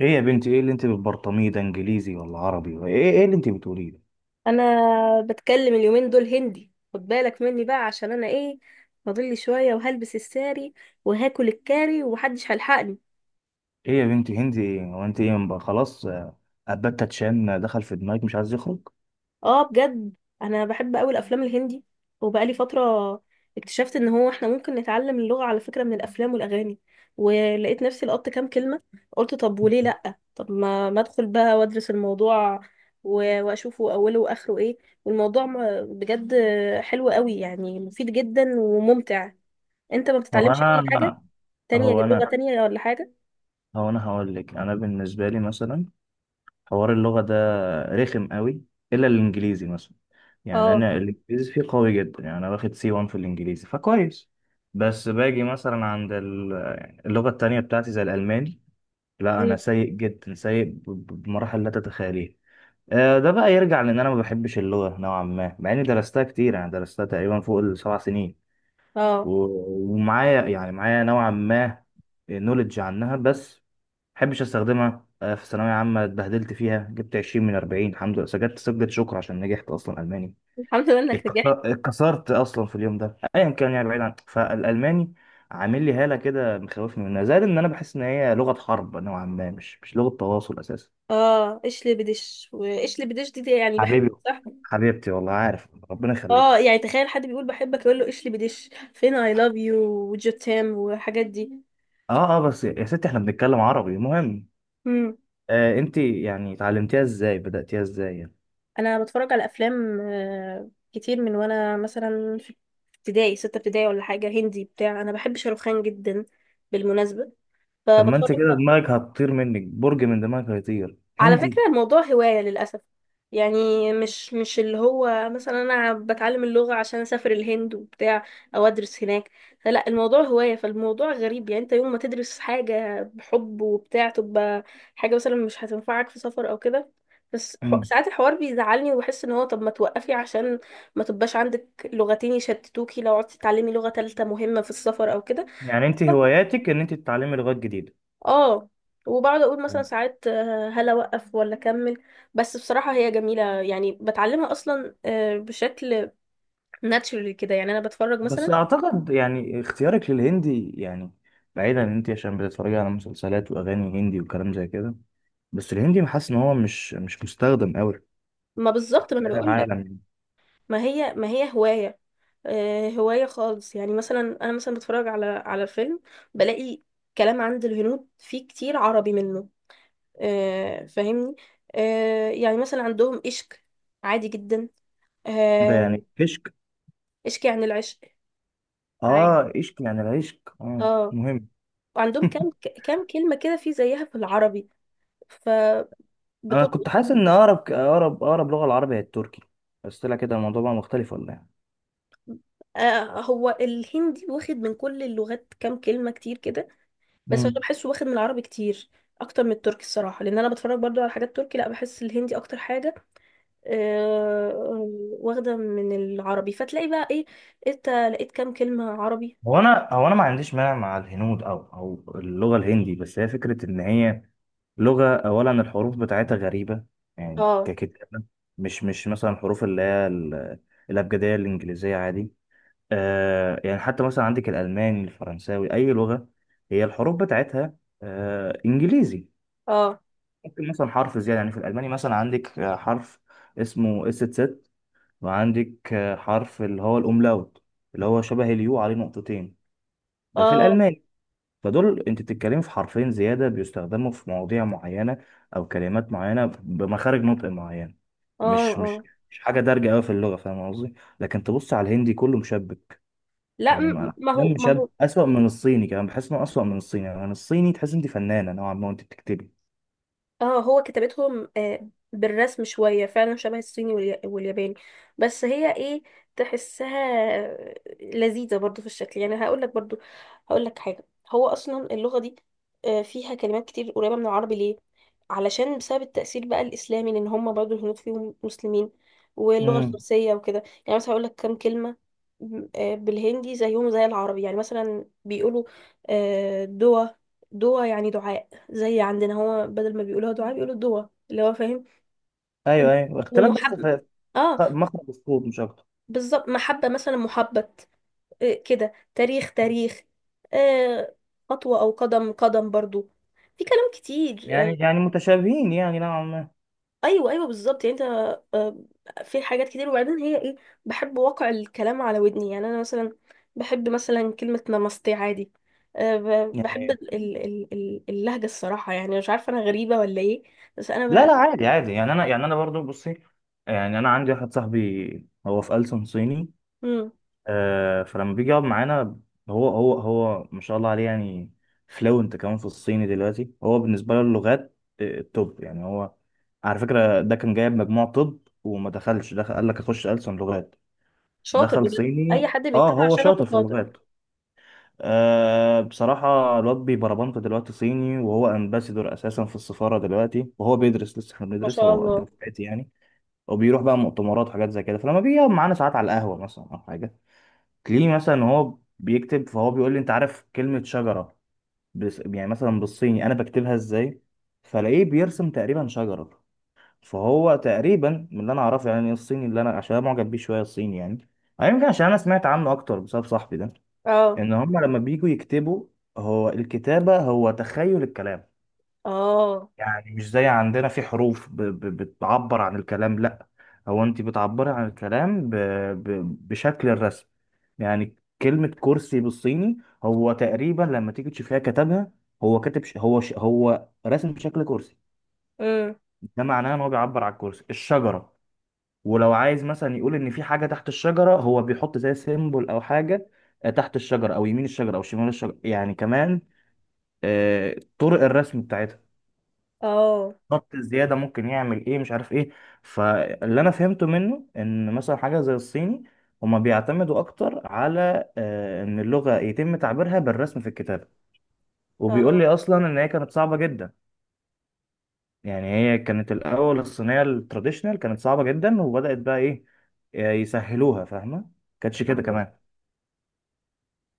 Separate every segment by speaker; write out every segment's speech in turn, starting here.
Speaker 1: ايه يا بنتي، ايه اللي انت بتبرطميه ده؟ انجليزي ولا عربي ولا ايه؟ ايه اللي انت بتقوليه ده؟
Speaker 2: انا بتكلم اليومين دول هندي، خد بالك مني بقى عشان انا ايه، فاضل لي شويه وهلبس الساري وهاكل الكاري ومحدش هيلحقني.
Speaker 1: ايه يا بنتي هندي ايه؟ هو انت ايه بقى؟ خلاص ابات تتشان دخل في دماغك مش عايز يخرج.
Speaker 2: اه، بجد انا بحب قوي الافلام الهندي، وبقالي فتره اكتشفت ان هو احنا ممكن نتعلم اللغه على فكره من الافلام والاغاني، ولقيت نفسي لقطت كام كلمه. قلت طب وليه لا، طب ما ادخل بقى وادرس الموضوع و- واشوفه اوله واخره ايه. والموضوع بجد حلو قوي، يعني مفيد جدا وممتع. انت ما
Speaker 1: هو
Speaker 2: بتتعلمش اي حاجه
Speaker 1: انا
Speaker 2: تانية،
Speaker 1: هو
Speaker 2: غير
Speaker 1: انا
Speaker 2: لغه تانية ولا حاجه؟
Speaker 1: هو انا هقول لك، انا بالنسبه لي مثلا حوار اللغه ده رخم قوي، الا الانجليزي مثلا. يعني
Speaker 2: اه.
Speaker 1: انا الانجليزي فيه قوي جدا، يعني انا واخد سي 1 في الانجليزي فكويس. بس باجي مثلا عند اللغه التانية بتاعتي زي الالماني، لا انا
Speaker 2: مم.
Speaker 1: سيء جدا، سيء بمراحل لا تتخيليه. ده بقى يرجع لان انا ما بحبش اللغه نوعا ما، مع اني درستها كتير، يعني درستها تقريبا فوق الـ7 سنين
Speaker 2: اه.
Speaker 1: ومعايا يعني معايا نوعا ما نولج عنها، بس ما بحبش استخدمها. في ثانويه عامه اتبهدلت فيها، جبت 20 من 40 الحمد لله، سجلت شكر عشان نجحت اصلا الماني.
Speaker 2: الحمد لله انك رجعت.
Speaker 1: اتكسرت اصلا في اليوم ده، ايا كان. يعني بعيد عن، فالالماني عامل لي هاله كده مخوفني منها، زائد ان انا بحس ان هي لغه حرب نوعا ما، مش لغه تواصل اساسا.
Speaker 2: اه، اشلي بدش، واشلي بدش دي، دي يعني بحب،
Speaker 1: حبيبي،
Speaker 2: صح؟
Speaker 1: حبيبتي والله، عارف ربنا يخليك
Speaker 2: اه،
Speaker 1: والله.
Speaker 2: يعني تخيل حد بيقول بحبك يقول له اشلي بدش، فين اي لاف يو وجوتام والحاجات دي.
Speaker 1: اه اه، بس يا ستي احنا بنتكلم عربي مهم.
Speaker 2: مم.
Speaker 1: آه، انت يعني اتعلمتيها ازاي؟ بدأتيها ازاي يعني؟
Speaker 2: انا بتفرج على افلام كتير من وانا مثلا في ابتدائي، ستة ابتدائي ولا حاجة، هندي بتاع. انا بحب شاروخان جدا بالمناسبة،
Speaker 1: طب ما
Speaker 2: فبتفرج.
Speaker 1: انت كده دماغك هتطير منك، برج من دماغك هيطير
Speaker 2: على فكرة
Speaker 1: هندي.
Speaker 2: الموضوع هواية للأسف، يعني مش اللي هو مثلا أنا بتعلم اللغة عشان أسافر الهند وبتاع، أو أدرس هناك. فلا، الموضوع هواية. فالموضوع غريب، يعني أنت يوم ما تدرس حاجة بحب وبتاع تبقى حاجة مثلا مش هتنفعك في سفر أو كده. بس
Speaker 1: مم.
Speaker 2: ساعات الحوار بيزعلني، وبحس ان هو طب ما توقفي عشان ما تبقاش عندك لغتين يشتتوكي لو قعدتي تتعلمي لغة تالتة مهمة في السفر او كده.
Speaker 1: يعني انت هواياتك ان انت تتعلمي لغات جديده؟
Speaker 2: اه، وبقعد اقول مثلا ساعات هل اوقف ولا اكمل. بس بصراحه هي جميله، يعني بتعلمها اصلا بشكل ناتشورال كده، يعني انا بتفرج
Speaker 1: بس
Speaker 2: مثلا.
Speaker 1: اعتقد يعني اختيارك للهندي، يعني بعيدا ان انت عشان بتتفرجي على مسلسلات واغاني هندي وكلام زي كده، بس الهندي حاسس ان هو مش مستخدم قوي
Speaker 2: ما بالظبط، ما
Speaker 1: في
Speaker 2: انا
Speaker 1: هذا
Speaker 2: بقول لك.
Speaker 1: العالم.
Speaker 2: ما هي هوايه، هوايه خالص. يعني مثلا انا مثلا بتفرج على على فيلم بلاقي كلام عند الهنود فيه كتير عربي منه، فاهمني؟ يعني مثلا عندهم عشق عادي جدا،
Speaker 1: ده
Speaker 2: آه،
Speaker 1: يعني عشق؟
Speaker 2: اشكي عن العشق عادي.
Speaker 1: اه عشق، يعني العشق اه
Speaker 2: اه
Speaker 1: مهم.
Speaker 2: وعندهم كام، كام كلمة كده في زيها في العربي فبتلقط.
Speaker 1: انا كنت حاسس ان اقرب لغه العربي هي التركي، بس طلع كده الموضوع بقى مختلف ولا ايه؟
Speaker 2: هو الهندي واخد من كل اللغات كام كلمة كتير كده، بس انا
Speaker 1: مم.
Speaker 2: بحسه واخد من العربي كتير اكتر من التركي الصراحة، لان انا بتفرج برضو على حاجات تركي. لا، بحس الهندي اكتر حاجة آه، واخدة من العربي. فتلاقي بقى ايه، انت لقيت كام كلمة عربي.
Speaker 1: هو انا ما عنديش مانع مع الهنود او اللغه الهندي، بس هي فكره ان هي لغة، أولا الحروف بتاعتها غريبة يعني
Speaker 2: اه
Speaker 1: ككتابة. مش مثلا الحروف اللي هي الأبجدية الإنجليزية عادي. آه يعني حتى مثلا عندك الألماني، الفرنساوي، أي لغة هي الحروف بتاعتها إنجليزي.
Speaker 2: اه
Speaker 1: ممكن مثلا حرف زيادة، يعني في الألماني مثلا عندك حرف اسمه اس ست، وعندك حرف اللي هو الأوملاوت، اللي هو شبه اليو عليه نقطتين، ده في
Speaker 2: اه
Speaker 1: الألماني. فدول انت بتتكلمي في حرفين زياده بيستخدموا في مواضيع معينه او كلمات معينه بمخارج نطق معينه.
Speaker 2: اه
Speaker 1: مش مش
Speaker 2: اه.
Speaker 1: مش حاجه دارجه قوي في اللغه، فاهم قصدي؟ لكن تبص على الهندي كله مشبك.
Speaker 2: لا،
Speaker 1: يعني ما انا
Speaker 2: ما
Speaker 1: كلام
Speaker 2: هو ما
Speaker 1: مشبك
Speaker 2: هو
Speaker 1: اسوأ من الصيني، كمان بحس انه اسوأ من الصيني. يعني الصيني تحس انت فنانه نوعا ما وانت بتكتبي.
Speaker 2: اه، هو كتابتهم بالرسم شوية، فعلا شبه الصيني والياباني. بس هي ايه، تحسها لذيذة برضو في الشكل. يعني هقولك، برضو هقولك حاجة، هو أصلا اللغة دي فيها كلمات كتير قريبة من العربي، ليه؟ علشان بسبب التأثير بقى الإسلامي، لأن هم برضو الهنود فيهم مسلمين واللغة
Speaker 1: امم.
Speaker 2: الفارسية وكده. يعني مثلا هقولك كام كلمة بالهندي زيهم زي العربي. يعني مثلا بيقولوا دوا، دوا يعني دعاء. زي عندنا، هو بدل ما بيقولوها دعاء بيقولوا الدوا، اللي هو فاهم.
Speaker 1: ايوه ايوه، اختلاف بس
Speaker 2: ومحب،
Speaker 1: في
Speaker 2: اه،
Speaker 1: مخرج الصوت مش اكتر.
Speaker 2: بالظبط محبة، مثلا محبت. إيه كده، تاريخ، تاريخ، آه، خطوة، أو قدم، قدم برضو. في كلام كتير، آه،
Speaker 1: يعني يعني متشابهين يعني نوعا ما
Speaker 2: أيوة أيوة بالظبط. يعني أنت آه، في حاجات كتير. وبعدين هي إيه، بحب وقع الكلام على ودني. يعني أنا مثلا بحب مثلا كلمة نمستي، عادي آه. بحب
Speaker 1: يعني.
Speaker 2: اللهجة الصراحة، يعني مش عارفة أنا غريبة ولا إيه؟ بس
Speaker 1: لا
Speaker 2: أنا
Speaker 1: لا عادي عادي، يعني انا يعني انا برضو بصي، يعني انا عندي واحد صاحبي هو في ألسن صيني.
Speaker 2: بقى.
Speaker 1: فلما بيجي يقعد معانا، هو ما شاء الله عليه، يعني فلوينت كمان في الصيني دلوقتي. هو بالنسبة له اللغات التوب، يعني هو على فكرة ده كان جايب مجموع طب وما دخلش، دخل قال لك اخش ألسن لغات.
Speaker 2: شاطر
Speaker 1: دخل
Speaker 2: بجد، اي
Speaker 1: صيني،
Speaker 2: حد
Speaker 1: اه
Speaker 2: بيتبع
Speaker 1: هو
Speaker 2: شغفه
Speaker 1: شاطر في
Speaker 2: شاطر.
Speaker 1: اللغات. آه بصراحة الواد بيبربنط دلوقتي صيني، وهو امباسيدور اساسا في السفارة دلوقتي، وهو بيدرس لسه احنا
Speaker 2: ما
Speaker 1: بندرس،
Speaker 2: شاء
Speaker 1: هو قد
Speaker 2: الله.
Speaker 1: دفعتي يعني. وبيروح بقى مؤتمرات وحاجات زي كده. فلما بيجي يقعد معانا ساعات على القهوة مثلا او حاجة، تلاقيه مثلا هو بيكتب، فهو بيقول لي انت عارف كلمة شجرة بس يعني مثلا بالصيني انا بكتبها ازاي؟ فلاقيه بيرسم تقريبا شجرة. فهو تقريبا من اللي انا اعرفه يعني الصيني، اللي انا عشان أنا معجب بيه شوية الصيني يعني، أو يمكن عشان انا سمعت عنه اكتر بسبب صاحبي ده،
Speaker 2: اه
Speaker 1: ان هم لما بيجوا يكتبوا، هو الكتابة هو تخيل الكلام.
Speaker 2: اه.
Speaker 1: يعني مش زي عندنا في حروف بتعبر عن الكلام، لا، هو انت بتعبري عن الكلام بشكل الرسم يعني. كلمة كرسي بالصيني، هو تقريبا لما تيجي تشوفيها كتبها، هو كاتب هو رسم شكل كرسي.
Speaker 2: امم
Speaker 1: ده معناه ان هو بيعبر عن الكرسي، الشجرة، ولو عايز مثلا يقول ان في حاجة تحت الشجرة هو بيحط زي سيمبل او حاجة، تحت الشجرة او يمين الشجرة او شمال الشجرة، يعني كمان طرق الرسم بتاعتها
Speaker 2: اه
Speaker 1: بالظبط. الزياده ممكن يعمل ايه مش عارف ايه. فاللي انا فهمته منه ان مثلا حاجه زي الصيني، هما بيعتمدوا اكتر على ان اللغه يتم تعبيرها بالرسم في الكتابه. وبيقول
Speaker 2: اه.
Speaker 1: لي اصلا ان هي كانت صعبه جدا. يعني هي كانت الاول، الصينيه التراديشنال كانت صعبه جدا، وبدات بقى ايه، يسهلوها، فاهمه؟ كانتش كده
Speaker 2: فاهمة.
Speaker 1: كمان.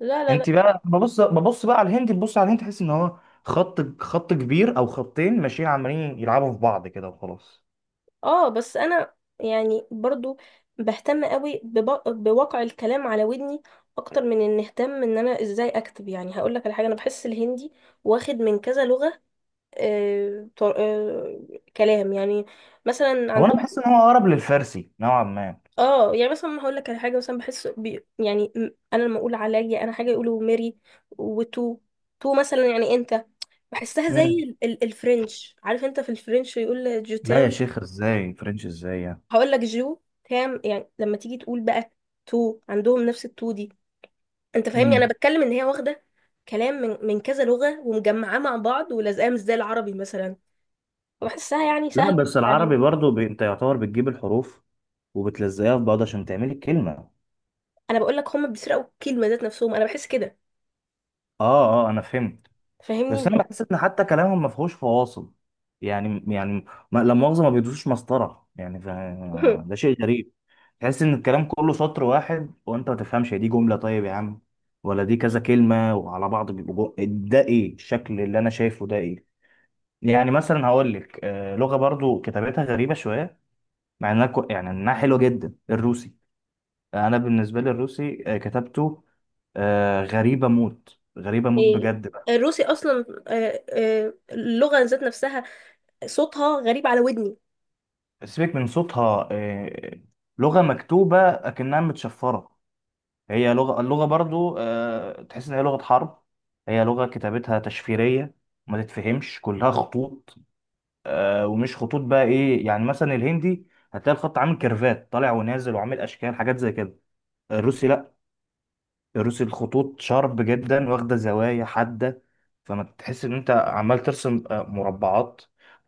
Speaker 2: لا لا لا.
Speaker 1: انت بقى ببص، بقى على الهندي، تبص على الهندي تحس ان هو خط، خط كبير او خطين ماشيين عمالين يلعبوا في بعض كده وخلاص.
Speaker 2: اه، بس انا يعني برضو بهتم قوي بواقع الكلام على ودني اكتر من ان اهتم ان انا ازاي اكتب. يعني هقول لك على حاجه، انا بحس الهندي واخد من كذا لغه آه كلام. يعني مثلا
Speaker 1: هو انا
Speaker 2: عندهم
Speaker 1: بحس ان هو اقرب للفارسي نوعا ما.
Speaker 2: اه، يعني مثلا هقول لك على حاجه مثلا، بحس بي يعني انا لما اقول عليا انا حاجه يقولوا ميري، وتو. تو مثلا يعني انت، بحسها زي
Speaker 1: امم.
Speaker 2: ال الفرنش. عارف انت في الفرنش يقول جو
Speaker 1: لا يا
Speaker 2: تام؟
Speaker 1: شيخ ازاي فرنش ازاي يعني؟
Speaker 2: هقول لك جو تام، يعني لما تيجي تقول بقى تو، عندهم نفس التو دي. انت فاهمني، انا
Speaker 1: امم.
Speaker 2: بتكلم ان هي واخده كلام من كذا لغه ومجمعاه مع بعض ولازقاه، مش زي العربي مثلا. وبحسها يعني
Speaker 1: لا
Speaker 2: سهله في
Speaker 1: بس العربي
Speaker 2: التعليم.
Speaker 1: برضو، انت يعتبر بتجيب الحروف وبتلزقها في بعض عشان تعملي الكلمه.
Speaker 2: انا بقول لك هم بيسرقوا الكلمه ذات نفسهم، انا بحس كده،
Speaker 1: اه اه انا فهمت. بس
Speaker 2: فاهمني؟
Speaker 1: انا بحس ان حتى كلامهم ما فيهوش فواصل يعني يعني ما... لا مؤاخذه ما بيدوسوش مسطره يعني ده شيء غريب. تحس ان الكلام كله سطر واحد، وانت ما تفهمش هي دي جمله طيب يا عم ولا دي كذا كلمه وعلى بعض بيبقوا ده ايه الشكل اللي انا شايفه ده ايه؟ يعني مثلا هقول لك لغه برضو كتابتها غريبه شويه، مع انها يعني انها حلوه جدا، الروسي. انا بالنسبه لي الروسي كتابته غريبه موت، غريبه موت
Speaker 2: إيه،
Speaker 1: بجد بقى.
Speaker 2: الروسي اصلا اللغه ذات نفسها صوتها غريب على ودني.
Speaker 1: سيبك من صوتها، لغه مكتوبه اكنها متشفره. هي لغه، اللغه برضو تحس ان هي لغه حرب. هي لغه كتابتها تشفيريه، ما تتفهمش، كلها خطوط. ومش خطوط بقى ايه، يعني مثلا الهندي هتلاقي الخط عامل كيرفات طالع ونازل وعامل اشكال حاجات زي كده. الروسي لا، رسم الخطوط شارب جدا، واخدة زوايا حادة. فما تحس ان انت عمال ترسم مربعات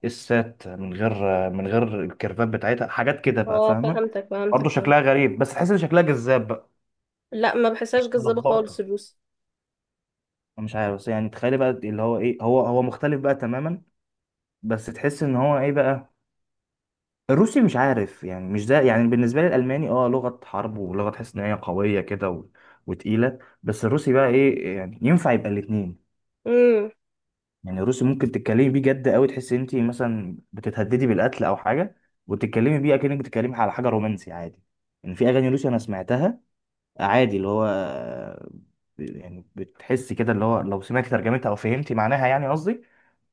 Speaker 1: السات من غير من غير الكيرفات بتاعتها، حاجات كده بقى
Speaker 2: اه،
Speaker 1: فاهمة.
Speaker 2: فهمتك
Speaker 1: برضه
Speaker 2: فهمتك فهمت.
Speaker 1: شكلها غريب، بس تحس ان شكلها جذاب بقى.
Speaker 2: لا، ما بحسهاش جذابه خالص
Speaker 1: ملخبطة،
Speaker 2: الروسي.
Speaker 1: مش عارف. بس يعني تخيلي بقى اللي هو ايه، هو مختلف بقى تماما. بس تحس ان هو ايه بقى، الروسي مش عارف، يعني مش ده يعني. بالنسبة لي الألماني اه لغة حرب، ولغة تحس ان هي قوية كده وتقيلة. بس الروسي بقى ايه، يعني ينفع يبقى الاتنين.
Speaker 2: امم.
Speaker 1: يعني الروسي ممكن تتكلمي بيه جد قوي، تحسي انت مثلا بتتهددي بالقتل او حاجه، وتتكلمي بيه اكنك بتتكلمي على حاجه رومانسي عادي. يعني في اغاني روسي انا سمعتها عادي، اللي هو يعني بتحسي كده اللي هو لو سمعتي ترجمتها او فهمتي معناها يعني قصدي،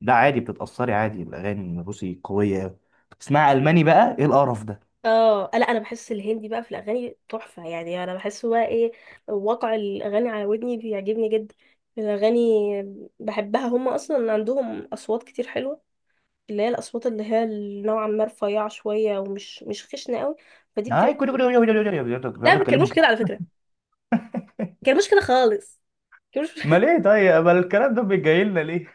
Speaker 1: ده عادي بتتاثري عادي. الاغاني الروسي قويه قوي، تسمعي الماني بقى ايه القرف ده.
Speaker 2: اه، لا، انا بحس الهندي بقى في الاغاني تحفه. يعني انا بحس بقى ايه، واقع الاغاني على ودني بيعجبني جدا. الاغاني بحبها، هم اصلا عندهم اصوات كتير حلوه، اللي هي الاصوات اللي هي نوعا ما رفيعه شويه ومش مش خشنه قوي. فدي
Speaker 1: هاي كل
Speaker 2: بتبقى.
Speaker 1: كل
Speaker 2: لا،
Speaker 1: بيقعدوا
Speaker 2: ما
Speaker 1: يتكلموا
Speaker 2: بيتكلموش
Speaker 1: كده.
Speaker 2: كده على فكره، ما بيتكلموش كده خالص، ما بيتكلموش.
Speaker 1: امال ايه طيب؟ امال الكلام ده جاي لنا ليه؟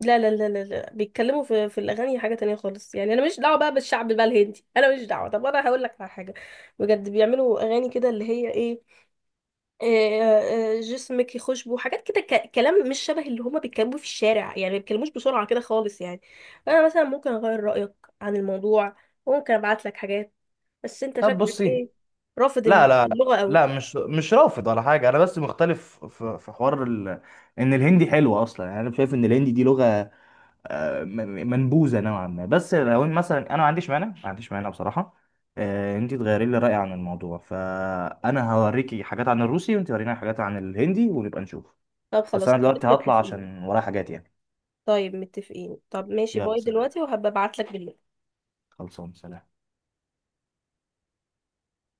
Speaker 2: لا لا لا لا لا، بيتكلموا في الاغاني حاجه تانية خالص. يعني انا مش دعوه بقى بالشعب بقى الهندي، انا مش دعوه. طب انا هقول لك على حاجه، بجد بيعملوا اغاني كده اللي هي ايه، جسمك يخشبه، حاجات كده كلام مش شبه اللي هما بيتكلموا في الشارع. يعني ما بيتكلموش بسرعه كده خالص يعني. انا مثلا ممكن اغير رايك عن الموضوع، وممكن ابعت لك حاجات، بس انت
Speaker 1: طب
Speaker 2: شكلك
Speaker 1: بصي،
Speaker 2: ايه، رافض
Speaker 1: لا لا لا
Speaker 2: اللغه قوي.
Speaker 1: لا، مش رافض ولا حاجه، انا بس مختلف في في حوار ان الهندي حلوه اصلا. يعني انا شايف ان الهندي دي لغه منبوذه نوعا ما، بس لو إن مثلا انا ما عنديش مانع، ما عنديش مانع بصراحه. انت تغيري لي رايي عن الموضوع، فانا هوريكي حاجات عن الروسي، وانت وريني حاجات عن الهندي، ونبقى نشوف.
Speaker 2: طب
Speaker 1: بس
Speaker 2: خلاص،
Speaker 1: انا دلوقتي هطلع
Speaker 2: متفقين.
Speaker 1: عشان ورايا حاجات يعني.
Speaker 2: طيب متفقين، طب ماشي
Speaker 1: يلا
Speaker 2: باي
Speaker 1: سلام.
Speaker 2: دلوقتي، وهبقى ابعت لك بالليل.
Speaker 1: خلصان سلام.